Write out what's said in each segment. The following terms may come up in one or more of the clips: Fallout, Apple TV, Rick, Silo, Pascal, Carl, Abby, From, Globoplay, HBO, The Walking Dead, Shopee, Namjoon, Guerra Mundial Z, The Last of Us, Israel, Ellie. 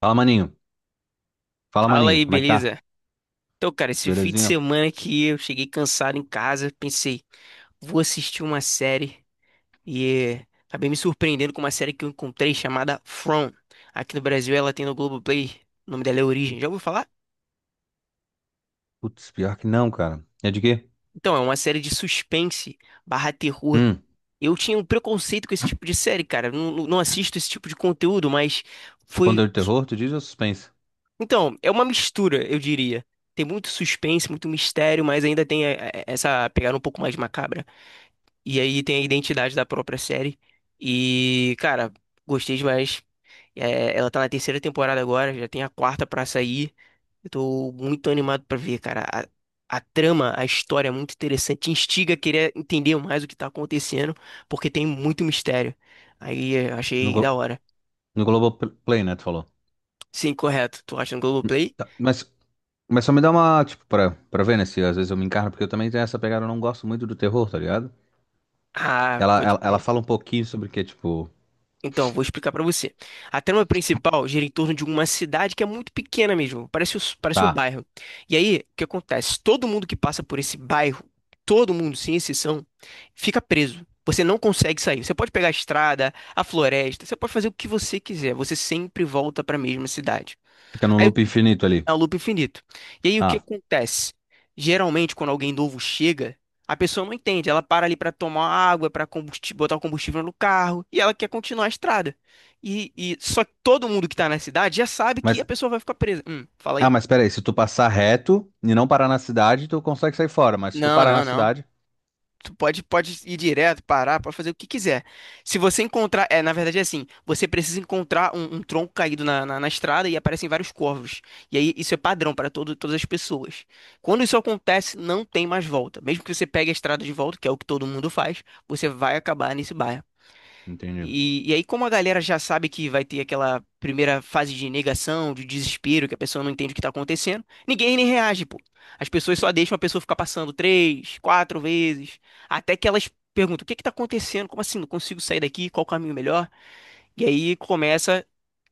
Fala, maninho. Fala, Fala maninho. aí, Como é que tá? beleza? Então, cara, esse fim de Belezinha? semana que eu cheguei cansado em casa, pensei, vou assistir uma série e acabei me surpreendendo com uma série que eu encontrei chamada From. Aqui no Brasil ela tem no Globoplay, o nome dela é Origem. Já ouviu falar? Putz, pior que não, cara. É de quê? Então, é uma série de suspense barra terror. Hum, Eu tinha um preconceito com esse tipo de série, cara. Eu Não, não assisto esse tipo de conteúdo, mas o foi. conteúdo de terror, tu diz ou suspense? Então, é uma mistura, eu diria. Tem muito suspense, muito mistério, mas ainda tem essa pegada um pouco mais macabra. E aí tem a identidade da própria série. E, cara, gostei demais. É, ela tá na terceira temporada agora, já tem a quarta pra sair. Eu tô muito animado pra ver, cara. A trama, a história é muito interessante. Te instiga a querer entender mais o que tá acontecendo, porque tem muito mistério. Aí eu No, achei da Glo hora. no Globoplay, né, tu falou. Sim, correto. Tu acha no Globoplay? Tá, mas só me dá uma, tipo, pra ver, né, se às vezes eu me encarno, porque eu também tenho essa pegada, eu não gosto muito do terror, tá ligado? Ah, Ela pode. fala um pouquinho sobre o que, tipo, Então, vou explicar pra você. A trama principal gira em torno de uma cidade que é muito pequena mesmo, parece, parece um tá, bairro. E aí, o que acontece? Todo mundo que passa por esse bairro, todo mundo, sem exceção, fica preso. Você não consegue sair. Você pode pegar a estrada, a floresta, você pode fazer o que você quiser. Você sempre volta pra mesma cidade. fica num loop infinito ali. É um loop infinito. E aí o que Ah, acontece? Geralmente, quando alguém novo chega, a pessoa não entende. Ela para ali para tomar água, para botar o combustível no carro, e ela quer continuar a estrada. E, só que todo mundo que tá na cidade já sabe que a mas, pessoa vai ficar presa. Fala ah, aí. mas pera aí, se tu passar reto e não parar na cidade, tu consegue sair fora, mas se tu Não, parar na não, não. cidade... Tu pode, pode ir direto, parar, pode fazer o que quiser. Se você encontrar. É, na verdade é assim: você precisa encontrar um, um tronco caído na estrada e aparecem vários corvos. E aí isso é padrão para todas as pessoas. Quando isso acontece, não tem mais volta. Mesmo que você pegue a estrada de volta, que é o que todo mundo faz, você vai acabar nesse bairro. Entendi. E aí, como a galera já sabe que vai ter aquela primeira fase de negação, de desespero, que a pessoa não entende o que tá acontecendo, ninguém nem reage, pô. As pessoas só deixam a pessoa ficar passando três, quatro vezes, até que elas perguntam: o que que tá acontecendo? Como assim? Não consigo sair daqui? Qual o caminho melhor? E aí começa,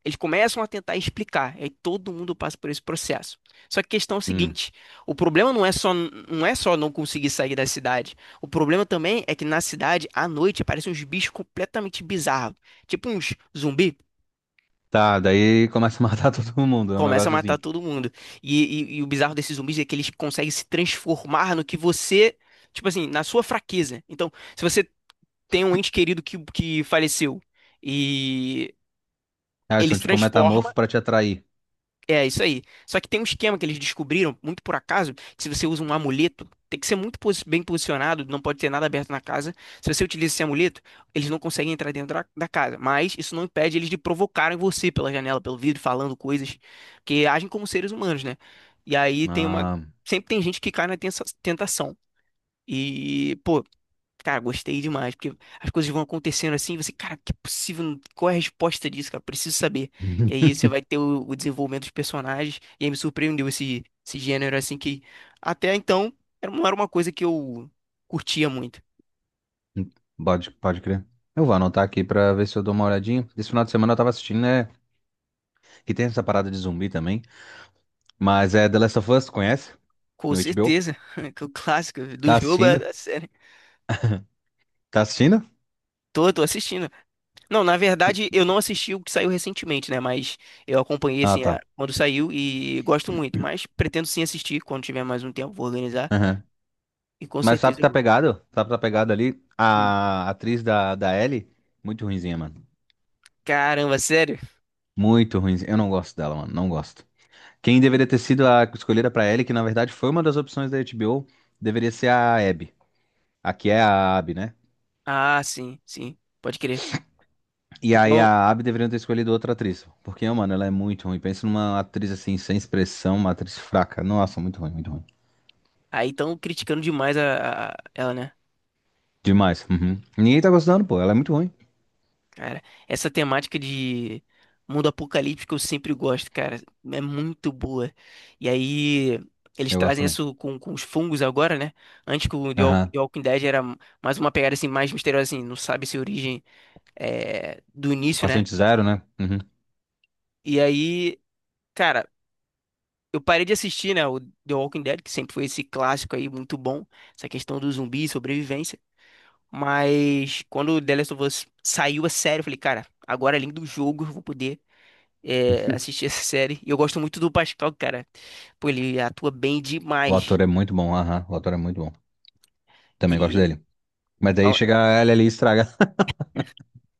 eles começam a tentar explicar, e aí todo mundo passa por esse processo. Só que a questão é o Hum. seguinte, o problema não é só não conseguir sair da cidade. O problema também é que na cidade, à noite, aparecem uns bichos completamente bizarros, tipo uns zumbi. Tá, daí começa a matar todo mundo. É um Começa a negócio matar assim. todo mundo. E, e o bizarro desses zumbis é que eles conseguem se transformar no que você, tipo assim, na sua fraqueza. Então, se você tem um ente querido que faleceu e Ah, eles ele são se tipo um transforma. metamorfo pra te atrair. É, isso aí. Só que tem um esquema que eles descobriram, muito por acaso, que se você usa um amuleto, tem que ser bem posicionado, não pode ter nada aberto na casa. Se você utiliza esse amuleto, eles não conseguem entrar dentro da casa. Mas isso não impede eles de provocarem você pela janela, pelo vidro, falando coisas, que agem como seres humanos, né? E aí tem uma. Ah. Sempre tem gente que cai na tentação. E, pô, cara, gostei demais, porque as coisas vão acontecendo assim, e você, cara, que é possível, qual é a resposta disso, cara? Preciso saber. E aí você vai ter o desenvolvimento dos personagens, e aí me surpreendeu esse gênero, assim, que até então não era uma coisa que eu curtia muito. Pode crer. Eu vou anotar aqui pra ver se eu dou uma olhadinha. Esse final de semana eu tava assistindo, né? Que tem essa parada de zumbi também. Mas é The Last of Us, conhece? Com No HBO. certeza, que o clássico do Tá jogo é assistindo? da série. Tá assistindo? Tô assistindo. Não, na Tu- verdade, eu não assisti o que saiu recentemente, né? Mas eu acompanhei, Ah, assim, tá. quando saiu e gosto muito. Mas pretendo sim assistir quando tiver mais um tempo, vou organizar. Aham. E com Mas sabe certeza que eu tá vou. pegado? Sabe que tá pegado ali? Hum. A atriz da Ellie, muito ruinzinha, mano. Caramba, sério? Muito ruinzinha. Eu não gosto dela, mano. Não gosto. Quem deveria ter sido a escolhida pra Ellie, que na verdade foi uma das opções da HBO, deveria ser a Abby. Aqui é a Abby, né? Ah, sim, sim, pode crer. E aí Então, a Abby deveria ter escolhido outra atriz. Porque, mano, ela é muito ruim. Pensa numa atriz assim, sem expressão, uma atriz fraca. Nossa, muito ruim, muito ruim. aí estão criticando demais ela, né? Demais. Uhum. Ninguém tá gostando, pô. Ela é muito ruim. Cara, essa temática de mundo apocalíptico eu sempre gosto, cara. É muito boa. E aí, eles Eu gosto trazem também. isso com os fungos agora, né? Antes que o Aham. The Walking Dead era mais uma pegada assim, mais misteriosa, assim, não sabe se origem é, do início, né? Paciente zero, né? Uhum. E aí, cara, eu parei de assistir, né, o The Walking Dead, que sempre foi esse clássico aí, muito bom, essa questão do zumbi e sobrevivência. Mas quando o The Last of Us saiu a série, eu falei, cara, agora além do jogo, eu vou poder assistir essa série. E eu gosto muito do Pascal, cara. Pô, ele atua bem O demais. ator é muito bom. Aham. O ator é muito bom. E Também gosto dele. Mas daí ó, chega ela ali e estraga.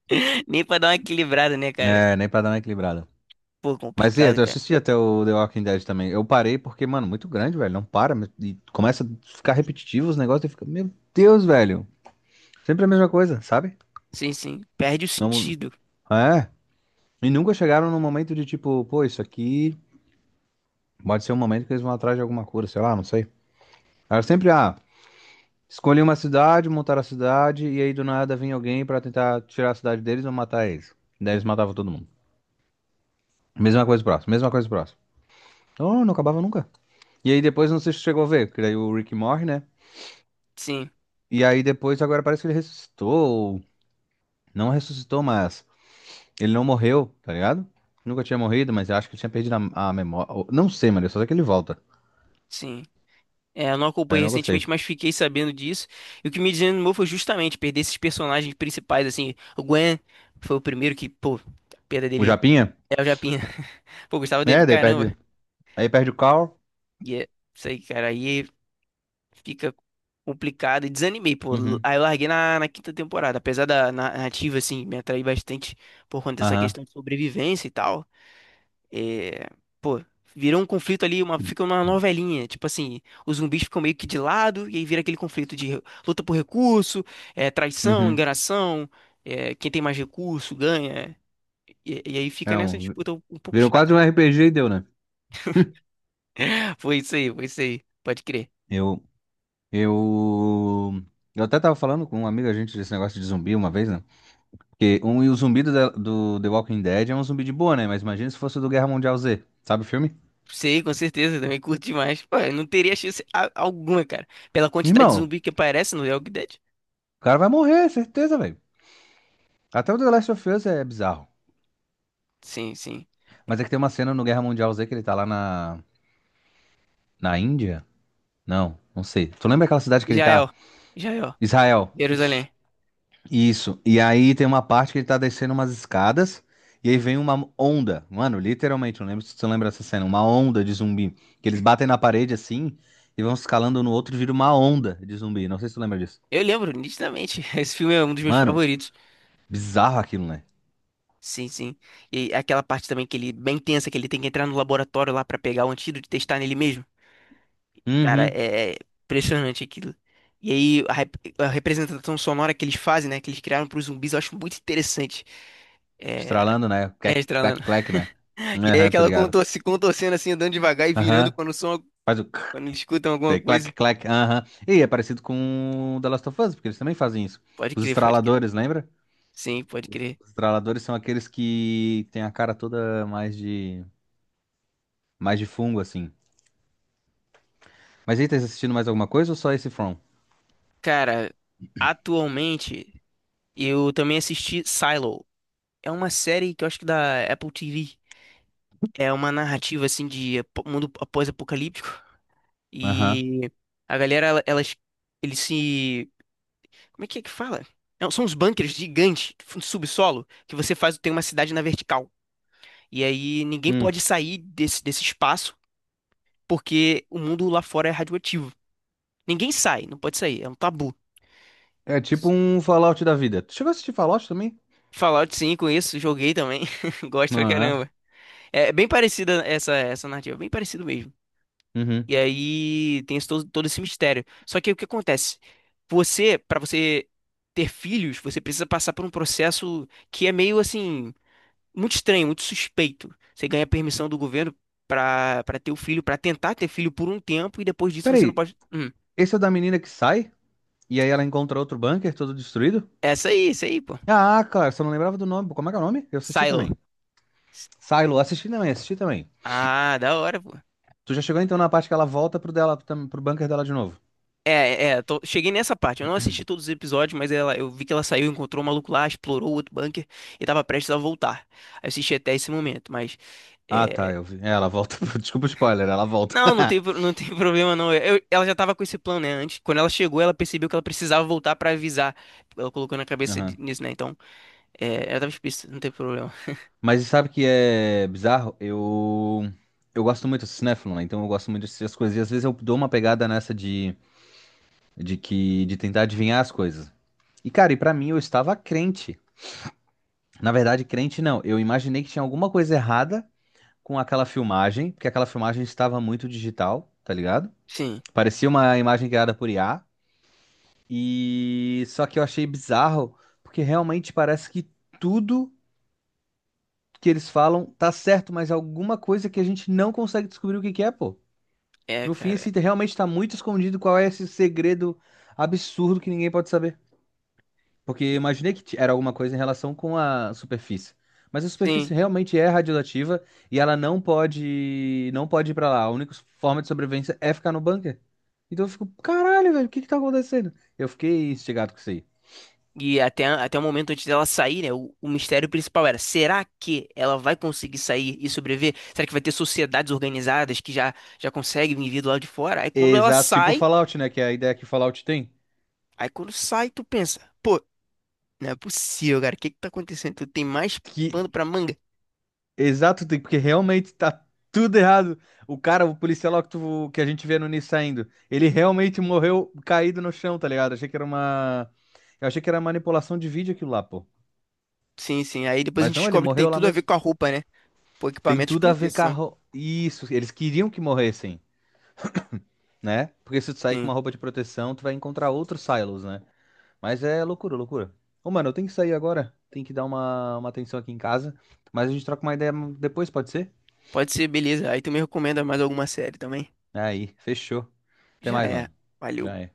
nem pra dar uma equilibrada, né, cara? É, nem pra dar uma equilibrada. Pô, Mas e, aí, complicado, eu cara. assisti até o The Walking Dead também. Eu parei porque, mano, muito grande, velho. Não para. E começa a ficar repetitivo os negócios e fica, meu Deus, velho. Sempre a mesma coisa, sabe? Sim, sim. Perde o Não, sentido. é. E nunca chegaram no momento de tipo, pô, isso aqui pode ser um momento que eles vão atrás de alguma cura, sei lá, não sei. Era sempre, ah, escolhi uma cidade, montaram a cidade, e aí do nada vinha alguém pra tentar tirar a cidade deles ou matar eles. Daí eles matavam todo mundo. Mesma coisa próxima, mesma coisa próxima. Então não acabava nunca. E aí depois não sei se chegou a ver, porque daí o Rick morre, né? Sim, E aí depois agora parece que ele ressuscitou. Não ressuscitou, mas ele não morreu, tá ligado? Nunca tinha morrido, mas eu acho que tinha perdido a memória. Não sei, mano. Eu Só sei que ele volta. sim. É, eu não Aí eu acompanhei não gostei. recentemente, mas fiquei sabendo disso. E o que me desanimou foi justamente perder esses personagens principais, assim. O Gwen foi o primeiro que, pô, a perda O dele Japinha? é o Japinha. Pô, eu gostava dele É, pra daí caramba. perde. Aí perde o Carl. E é isso aí, cara. Aí fica complicado e desanimei, pô. Uhum. Aí eu larguei na quinta temporada. Apesar da narrativa, assim, me atrair bastante por conta dessa Aham. questão de sobrevivência e tal. É, pô, virou um conflito ali, uma, fica uma novelinha. Tipo assim, os zumbis ficam meio que de lado e aí vira aquele conflito de luta por recurso, é, traição, Uhum. enganação. É, quem tem mais recurso ganha. E aí fica É nessa um. disputa um pouco Virou chata, quase um né? RPG e deu, né? Foi isso aí, foi isso aí. Pode crer. Eu, eu, eu até tava falando com um amigo, a gente, desse negócio de zumbi uma vez, né? Porque um, e o zumbi do The Walking Dead é um zumbi de boa, né? Mas imagina se fosse o do Guerra Mundial Z, sabe o filme? Sei, com certeza, também curto demais. Pô, eu não teria chance alguma, cara. Pela quantidade de Irmão, zumbi que aparece no The Walking Dead. o cara vai morrer, certeza, velho. Até o The Last of Us é bizarro. Sim, sim. Mas é que tem uma cena no Guerra Mundial Z que ele tá lá na Índia? Não, não sei. Tu lembra aquela cidade que ele tá? Israel. Israel. Israel. Jerusalém. Isso. E aí tem uma parte que ele tá descendo umas escadas e aí vem uma onda. Mano, literalmente, eu não lembro se tu lembra dessa cena. Uma onda de zumbi. Que eles batem na parede assim e vão escalando no outro e vira uma onda de zumbi. Não sei se tu lembra disso. Eu lembro nitidamente. Esse filme é um dos meus Mano, favoritos. bizarro aquilo, né? Sim, sim. E aquela parte também que ele, bem tensa, que ele tem que entrar no laboratório lá pra pegar o antídoto e testar nele mesmo. Cara, Uhum. É impressionante aquilo. E aí, a, a representação sonora que eles fazem, né, que eles criaram pros zumbis, eu acho muito interessante. É, Estralando, né? é Clack, clack, clack, né? E aí Aham, tô aquela ligado. contorce, contorcendo assim, andando devagar e virando Aham. quando o som, Faz o quando eles escutam alguma clac, coisa. clac, clac, aham. E é parecido com o The Last of Us, porque eles também fazem isso. Pode Os crer, pode crer. estraladores, lembra? Sim, pode Os crer. os estraladores são aqueles que têm a cara toda mais de fungo, assim. Mas aí, tá assistindo mais alguma coisa ou só esse From? Cara, atualmente eu também assisti Silo. É uma série que eu acho que da Apple TV. É uma narrativa assim de mundo pós-apocalíptico Aham. e a galera ela- elas eles se como é que fala? Não, são uns bunkers gigantes, fundo subsolo, que você faz tem uma cidade na vertical. E aí ninguém Hum. pode sair desse espaço porque o mundo lá fora é radioativo. Ninguém sai, não pode sair, é um tabu. É tipo um Fallout da vida. Tu chegou a assistir Fallout também? Fallout 5, isso, joguei também, gosto pra Ah, caramba. É bem parecida essa narrativa, bem parecido mesmo. uhum. E aí tem esse todo esse mistério. Só que o que acontece? Você, pra você ter filhos, você precisa passar por um processo que é meio assim, muito estranho, muito suspeito. Você ganha permissão do governo pra ter o filho, pra tentar ter filho por um tempo, e depois disso você não Peraí, pode. Hum. esse é o da menina que sai e aí ela encontra outro bunker todo destruído? Essa aí, isso aí, pô. Ah, cara, só não lembrava do nome. Como é que é o nome? Eu assisti Silo. também. Silo, assisti também, assisti também. Ah, da hora, pô. Tu já chegou então na parte que ela volta pro dela, pro bunker dela de novo? É, é, cheguei nessa parte. Eu não assisti todos os episódios, mas ela, eu vi que ela saiu, encontrou o maluco lá, explorou o outro bunker e tava prestes a voltar. Aí eu assisti até esse momento, mas. Ah, tá, é, eu vi. É, ela volta. Desculpa o spoiler, ela volta. Não, não tem, não tem problema não. Ela já tava com esse plano, né? Antes, quando ela chegou, ela percebeu que ela precisava voltar pra avisar. Ela colocou na cabeça Aham. nisso, né? Então, é, ela tava explícita, não tem problema. Mas sabe que é bizarro? Eu gosto muito de Cinefilo, né? Então eu gosto muito de assistir as coisas. E às vezes eu dou uma pegada nessa de que de tentar adivinhar as coisas. E cara, e pra mim eu estava crente. Na verdade, crente não. Eu imaginei que tinha alguma coisa errada com aquela filmagem, porque aquela filmagem estava muito digital, tá ligado? Sim, Parecia uma imagem criada por IA. E só que eu achei bizarro, porque realmente parece que tudo que eles falam tá certo, mas alguma coisa que a gente não consegue descobrir o que que é, pô. é, No fim, cara. assim, realmente tá muito escondido qual é esse segredo absurdo que ninguém pode saber. Porque eu E. imaginei que era alguma coisa em relação com a superfície. Mas a Sim. superfície realmente é radioativa e ela não pode, não pode ir pra lá. A única forma de sobrevivência é ficar no bunker. Então eu fico, caralho, velho, o que que tá acontecendo? Eu fiquei instigado com isso aí. E até, até o momento antes dela sair, né? O mistério principal era: será que ela vai conseguir sair e sobreviver? Será que vai ter sociedades organizadas que já conseguem vir do lado de fora? Aí quando ela Exato, tipo sai, Fallout, né? Que é a ideia que Fallout tem. aí quando sai, tu pensa: pô, não é possível, cara, o que que tá acontecendo? Tu tem mais Que pano pra manga? exato, porque realmente tá tudo errado. O cara, o policial lá que, que a gente vê no início saindo, ele realmente morreu caído no chão, tá ligado? Achei que era uma. Eu achei que era manipulação de vídeo aquilo lá, pô. Sim, sim. Aí depois a Mas gente não, ele descobre que tem morreu lá tudo a ver mesmo. com a roupa, né? Pô, Tem equipamento de tudo a ver com a proteção. ro... Isso, eles queriam que morressem, né? Porque se tu sair com Sim. uma roupa de proteção, tu vai encontrar outros silos, né? Mas é loucura, loucura. Ô, mano, eu tenho que sair agora. Tem que dar uma atenção aqui em casa. Mas a gente troca uma ideia depois, pode ser? Pode ser, beleza. Aí tu me recomenda mais alguma série também? Aí, fechou. Até Já mais, é. mano. Valeu. Já é.